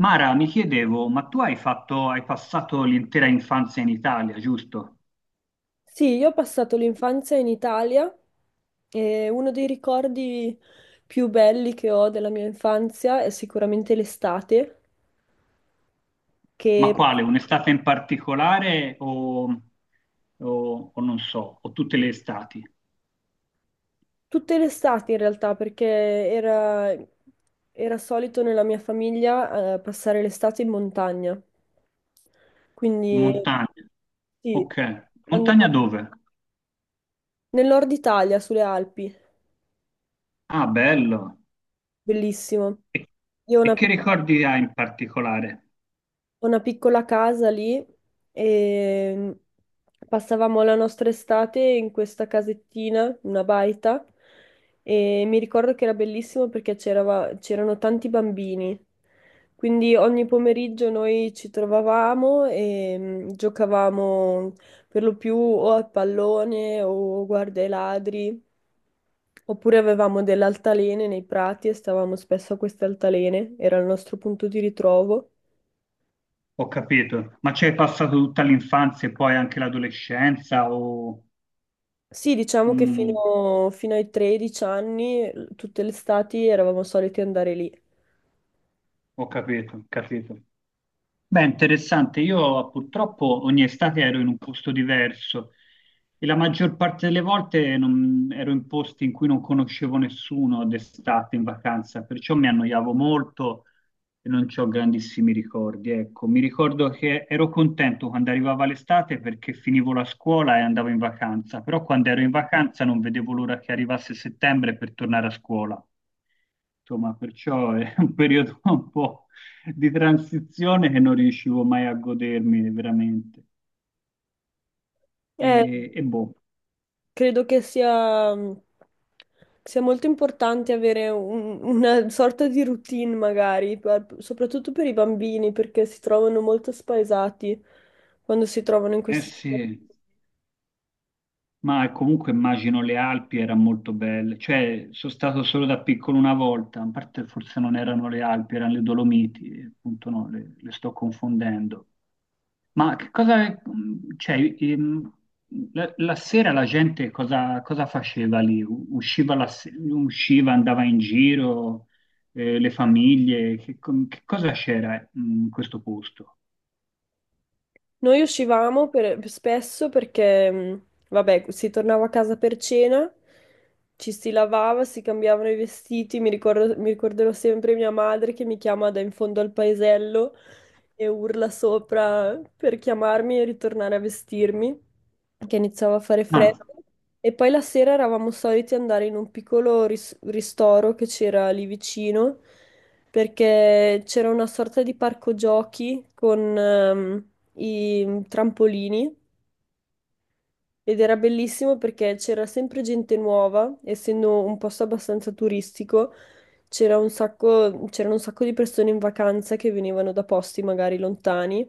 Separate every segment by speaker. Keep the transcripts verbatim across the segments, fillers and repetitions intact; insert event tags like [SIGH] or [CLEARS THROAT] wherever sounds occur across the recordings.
Speaker 1: Mara, mi chiedevo, ma tu hai fatto, hai passato l'intera infanzia in Italia, giusto?
Speaker 2: Sì, io ho passato l'infanzia in Italia e uno dei ricordi più belli che ho della mia infanzia è sicuramente l'estate,
Speaker 1: Ma
Speaker 2: che
Speaker 1: quale? Un'estate in particolare o, o- o non so, o tutte le estati?
Speaker 2: tutte le estati in realtà, perché era, era solito nella mia famiglia eh, passare l'estate in montagna. Quindi
Speaker 1: Montagne.
Speaker 2: sì,
Speaker 1: Ok. Montagna
Speaker 2: andavo
Speaker 1: dove?
Speaker 2: nel nord Italia, sulle Alpi,
Speaker 1: Ah, bello.
Speaker 2: bellissimo.
Speaker 1: E,
Speaker 2: Io ho
Speaker 1: e
Speaker 2: una
Speaker 1: che
Speaker 2: piccola
Speaker 1: ricordi hai in particolare?
Speaker 2: Ho una piccola casa lì e passavamo la nostra estate in questa casettina, una baita, e mi ricordo che era bellissimo perché c'erava- c'erano tanti bambini. Quindi ogni pomeriggio noi ci trovavamo e mm, giocavamo per lo più o a pallone o guarda i ladri, oppure avevamo delle altalene nei prati e stavamo spesso a queste altalene, era il nostro punto di ritrovo.
Speaker 1: Ho capito. Ma ci hai passato tutta l'infanzia e poi anche l'adolescenza o...
Speaker 2: Sì, diciamo che
Speaker 1: Mm,
Speaker 2: fino, fino ai tredici anni, l- tutte le estati eravamo soliti andare lì.
Speaker 1: ho capito, capito. Beh, interessante. Io purtroppo ogni estate ero in un posto diverso e la maggior parte delle volte non- ero in posti in cui non conoscevo nessuno d'estate in vacanza, perciò mi annoiavo molto e non ho grandissimi ricordi. Ecco, mi ricordo che ero contento quando arrivava l'estate perché finivo la scuola e andavo in vacanza, però quando ero in vacanza non vedevo l'ora che arrivasse settembre per tornare a scuola. Insomma, perciò è un periodo [LAUGHS] un po' di transizione che non riuscivo mai a godermi veramente. E,
Speaker 2: Eh,
Speaker 1: e boh,
Speaker 2: credo che sia, mhmm, sia molto importante avere un- una sorta di routine, magari, per- soprattutto per i bambini, perché si trovano molto spaesati quando si trovano in
Speaker 1: eh
Speaker 2: queste situazioni.
Speaker 1: sì, ma comunque immagino le Alpi erano molto belle. Cioè, sono stato solo da piccolo una volta, a parte forse non erano le Alpi, erano le Dolomiti, appunto no, le, le sto confondendo. Ma che cosa, mm, cioè, ehm, la, la sera la gente cosa, cosa faceva lì? U- Usciva, la se- usciva, andava in giro, eh, le famiglie, che, com- che cosa c'era eh, in questo posto?
Speaker 2: Noi uscivamo per- spesso perché, mh, vabbè, si tornava a casa per cena, ci si lavava, si cambiavano i vestiti. Mi ricordo- mi ricorderò sempre mia madre che mi chiama da in fondo al paesello e urla sopra per chiamarmi e ritornare a vestirmi che iniziava a fare
Speaker 1: Ah,
Speaker 2: freddo e poi la sera eravamo soliti andare in un piccolo ris- ristoro che c'era lì vicino perché c'era una sorta di parco giochi con ehm, i trampolini ed era bellissimo perché c'era sempre gente nuova, essendo un posto abbastanza turistico, c'era un sacco, c'erano un sacco di persone in vacanza che venivano da posti magari lontani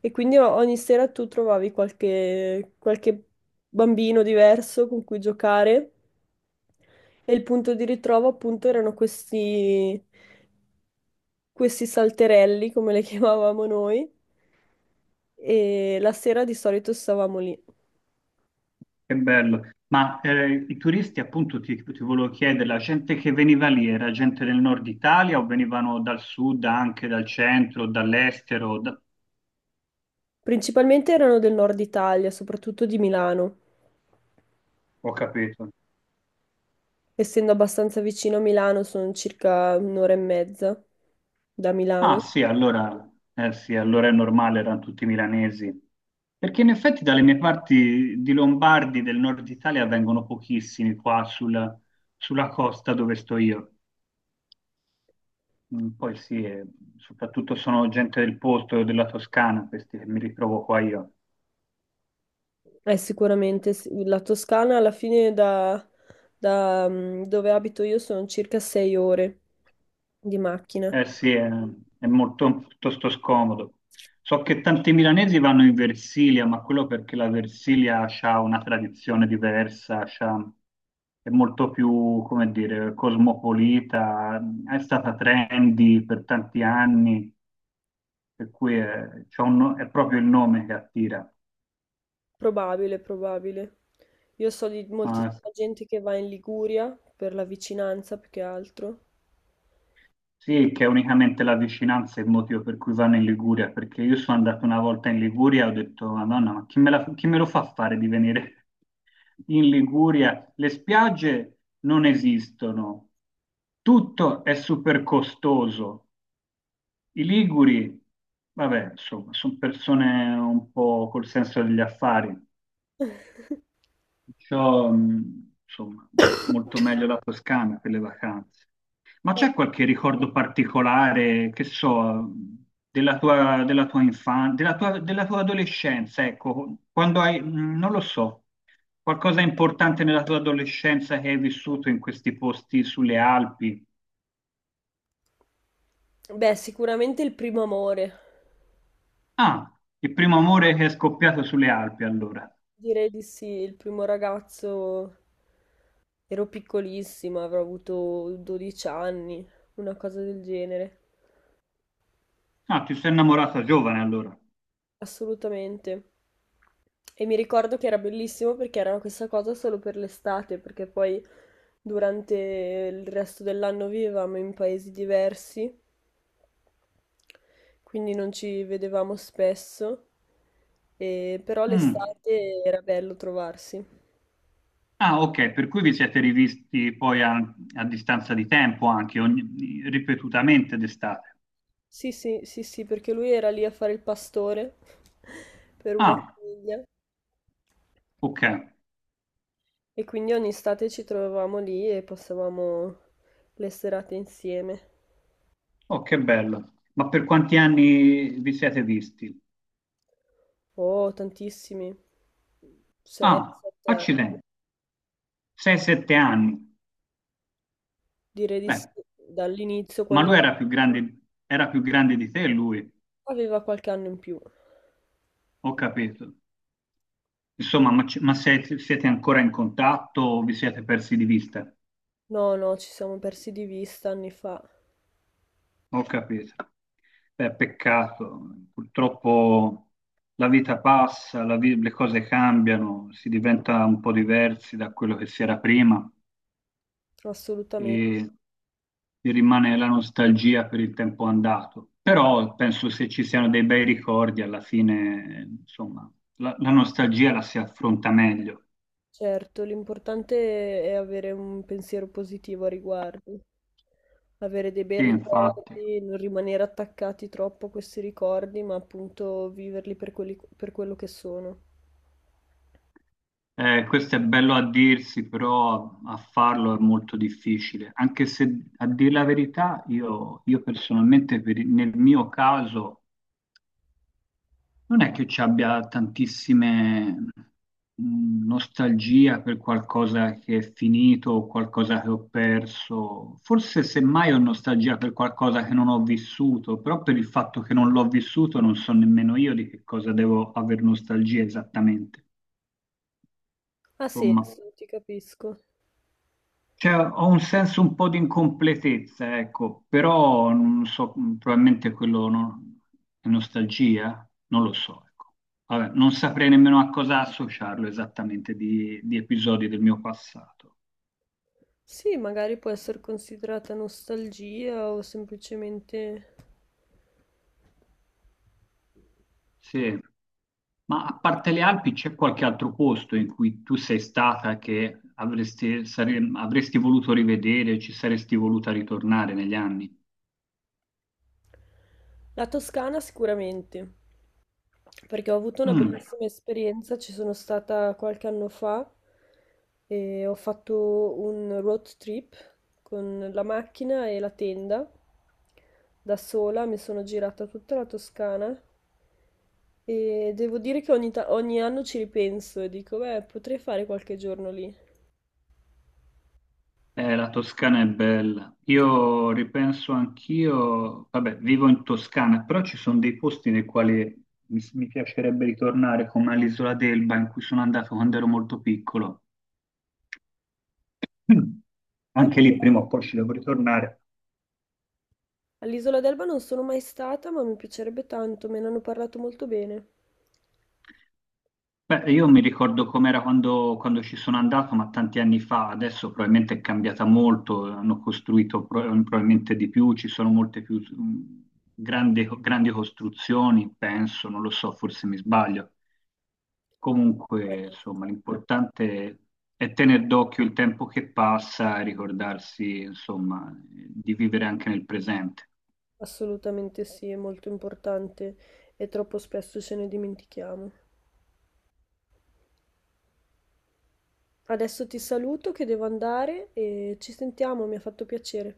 Speaker 2: e quindi o- ogni sera tu trovavi qualche, qualche bambino diverso con cui giocare e il punto di ritrovo appunto erano questi, questi salterelli, come le [LAUGHS] chiamavamo noi, e la sera di solito stavamo lì.
Speaker 1: che bello. Ma eh, i turisti, appunto, ti, ti volevo chiedere, la gente che veniva lì era gente del nord Italia o venivano dal sud, anche dal centro, dall'estero? Da-
Speaker 2: Principalmente erano del nord Italia, soprattutto di Milano.
Speaker 1: Ho capito.
Speaker 2: Essendo abbastanza vicino a Milano, sono circa un'ora e mezza da
Speaker 1: Ah
Speaker 2: Milano.
Speaker 1: sì, allora, eh sì, allora è normale, erano tutti milanesi. Perché in effetti dalle mie parti di Lombardi del nord Italia vengono pochissimi qua sulla, sulla costa dove sto io. Mm, poi sì, eh, soprattutto sono gente del posto, della Toscana, questi che mi ritrovo qua io.
Speaker 2: Eh, sicuramente sì. La Toscana alla fine da, da, mm, dove abito io sono circa sei ore di macchina.
Speaker 1: Eh sì, è, è molto piuttosto scomodo. So che tanti milanesi vanno in Versilia, ma quello perché la Versilia ha una tradizione diversa, c'ha- è molto più, come dire, cosmopolita, è stata trendy per tanti anni, per cui è, c'ha un no- è proprio il nome che attira.
Speaker 2: Probabile, probabile. Io so di
Speaker 1: Mm. Ma
Speaker 2: moltissima gente che va in Liguria per la vicinanza più che altro.
Speaker 1: sì, che è unicamente la vicinanza è il motivo per cui vanno in Liguria, perché io sono andato una volta in Liguria e ho detto, Madonna, ma chi me la- chi me lo fa fare di venire? In Liguria le spiagge non esistono, tutto è super costoso. I liguri, vabbè, insomma, sono persone un po' col senso degli affari,
Speaker 2: [LAUGHS]
Speaker 1: perciò, mh, insomma, molto meglio la Toscana per le vacanze. Ma
Speaker 2: Eh,
Speaker 1: c'è qualche ricordo particolare, che so, della tua, della tua infanzia, della tua, della tua adolescenza, ecco, quando hai, mh, non lo so. Qualcosa importante nella tua adolescenza che hai vissuto in questi posti sulle Alpi?
Speaker 2: Beh, sicuramente il primo amore.
Speaker 1: Ah, il primo amore che è scoppiato sulle Alpi allora.
Speaker 2: Direi di sì, il primo ragazzo ero piccolissima, avrò avuto dodici anni, una cosa del genere.
Speaker 1: Ah, ti sei innamorata giovane allora.
Speaker 2: Assolutamente. E mi ricordo che era bellissimo perché era questa cosa solo per l'estate, perché poi durante il resto dell'anno vivevamo in paesi diversi, quindi non ci vedevamo spesso, e- però
Speaker 1: Mm.
Speaker 2: l'estate era bello trovarsi.
Speaker 1: Ah, ok, per cui vi siete rivisti poi a, a distanza di tempo anche, ogni- ripetutamente d'estate.
Speaker 2: Sì, sì, sì, sì, perché lui era lì a fare il pastore [LAUGHS] per una
Speaker 1: Ah,
Speaker 2: famiglia
Speaker 1: ok.
Speaker 2: e quindi ogni estate ci trovavamo lì e passavamo le serate insieme.
Speaker 1: Oh, che bello. Ma per quanti anni vi siete visti?
Speaker 2: Oh, tantissimi. sei,
Speaker 1: Ah,
Speaker 2: sette anni.
Speaker 1: accidenti. sei sette anni.
Speaker 2: Direi di sì,
Speaker 1: Beh,
Speaker 2: dall'inizio
Speaker 1: ma
Speaker 2: quando
Speaker 1: lui era più grande, era più grande di te, lui.
Speaker 2: aveva qualche anno in più.
Speaker 1: Ho capito. Insomma, ma, ci- ma se- siete ancora in contatto o vi siete persi di vista?
Speaker 2: No, no, ci siamo persi di vista anni fa,
Speaker 1: Ho capito. Beh, peccato. Purtroppo la vita passa, la vi- le cose cambiano, si diventa un po' diversi da quello che si era prima
Speaker 2: assolutamente.
Speaker 1: e ti rimane la nostalgia per il tempo andato. Però penso se ci siano dei bei ricordi, alla fine, insomma, la, la nostalgia la si affronta meglio.
Speaker 2: Certo, l'importante è avere un pensiero positivo a riguardo, avere dei bei
Speaker 1: Sì, infatti.
Speaker 2: ricordi, non rimanere attaccati troppo a questi ricordi, ma appunto viverli per quelli- per quello che sono.
Speaker 1: Eh, questo è bello a dirsi, però a farlo è molto difficile, anche se a dire la verità io, io personalmente per il- nel mio caso non è che ci abbia tantissime mh, nostalgia per qualcosa che è finito o qualcosa che ho perso, forse semmai ho nostalgia per qualcosa che non ho vissuto, però per il fatto che non l'ho vissuto non so nemmeno io di che cosa devo aver nostalgia esattamente.
Speaker 2: Ha
Speaker 1: Insomma.
Speaker 2: senso, ti capisco.
Speaker 1: Cioè, ho un senso un po' di incompletezza, ecco, però non so, probabilmente quello non- è nostalgia, non lo so, ecco. Vabbè, non saprei nemmeno a cosa associarlo esattamente di, di episodi del mio passato.
Speaker 2: Sì, magari può essere considerata nostalgia o semplicemente...
Speaker 1: Sì, ma a parte le Alpi c'è qualche altro posto in cui tu sei stata che avresti, sare- avresti voluto rivedere, ci saresti voluta ritornare negli anni?
Speaker 2: La Toscana sicuramente, perché ho avuto una
Speaker 1: Mm.
Speaker 2: bellissima esperienza, ci sono stata qualche anno fa e ho fatto un road trip con la macchina e la tenda. Da sola mi sono girata tutta la Toscana e devo dire che ogni, ta- ogni anno ci ripenso e dico, beh, potrei fare qualche giorno lì.
Speaker 1: Eh, la Toscana è bella. Io ripenso anch'io, vabbè, vivo in Toscana, però ci sono dei posti nei quali mi, mi piacerebbe ritornare, come all'Isola d'Elba, in cui sono andato quando ero molto piccolo. [CLEARS THROAT] Mm.
Speaker 2: Io lo
Speaker 1: Anche lì prima
Speaker 2: so.
Speaker 1: o poi ci devo ritornare.
Speaker 2: All'isola d'Elba non sono mai stata, ma mi piacerebbe tanto, me ne hanno parlato molto bene.
Speaker 1: Beh, io mi ricordo com'era quando, quando ci sono andato, ma tanti anni fa, adesso probabilmente è cambiata molto, hanno costruito pro- probabilmente di più, ci sono molte più mm, grandi grandi costruzioni, penso, non lo so, forse mi sbaglio. Comunque,
Speaker 2: Veramente.
Speaker 1: insomma, l'importante è tenere d'occhio il tempo che passa e ricordarsi, insomma, di vivere anche nel presente.
Speaker 2: Assolutamente sì, è molto importante e troppo spesso ce ne dimentichiamo. Adesso ti saluto che devo andare e ci sentiamo, mi ha fatto piacere.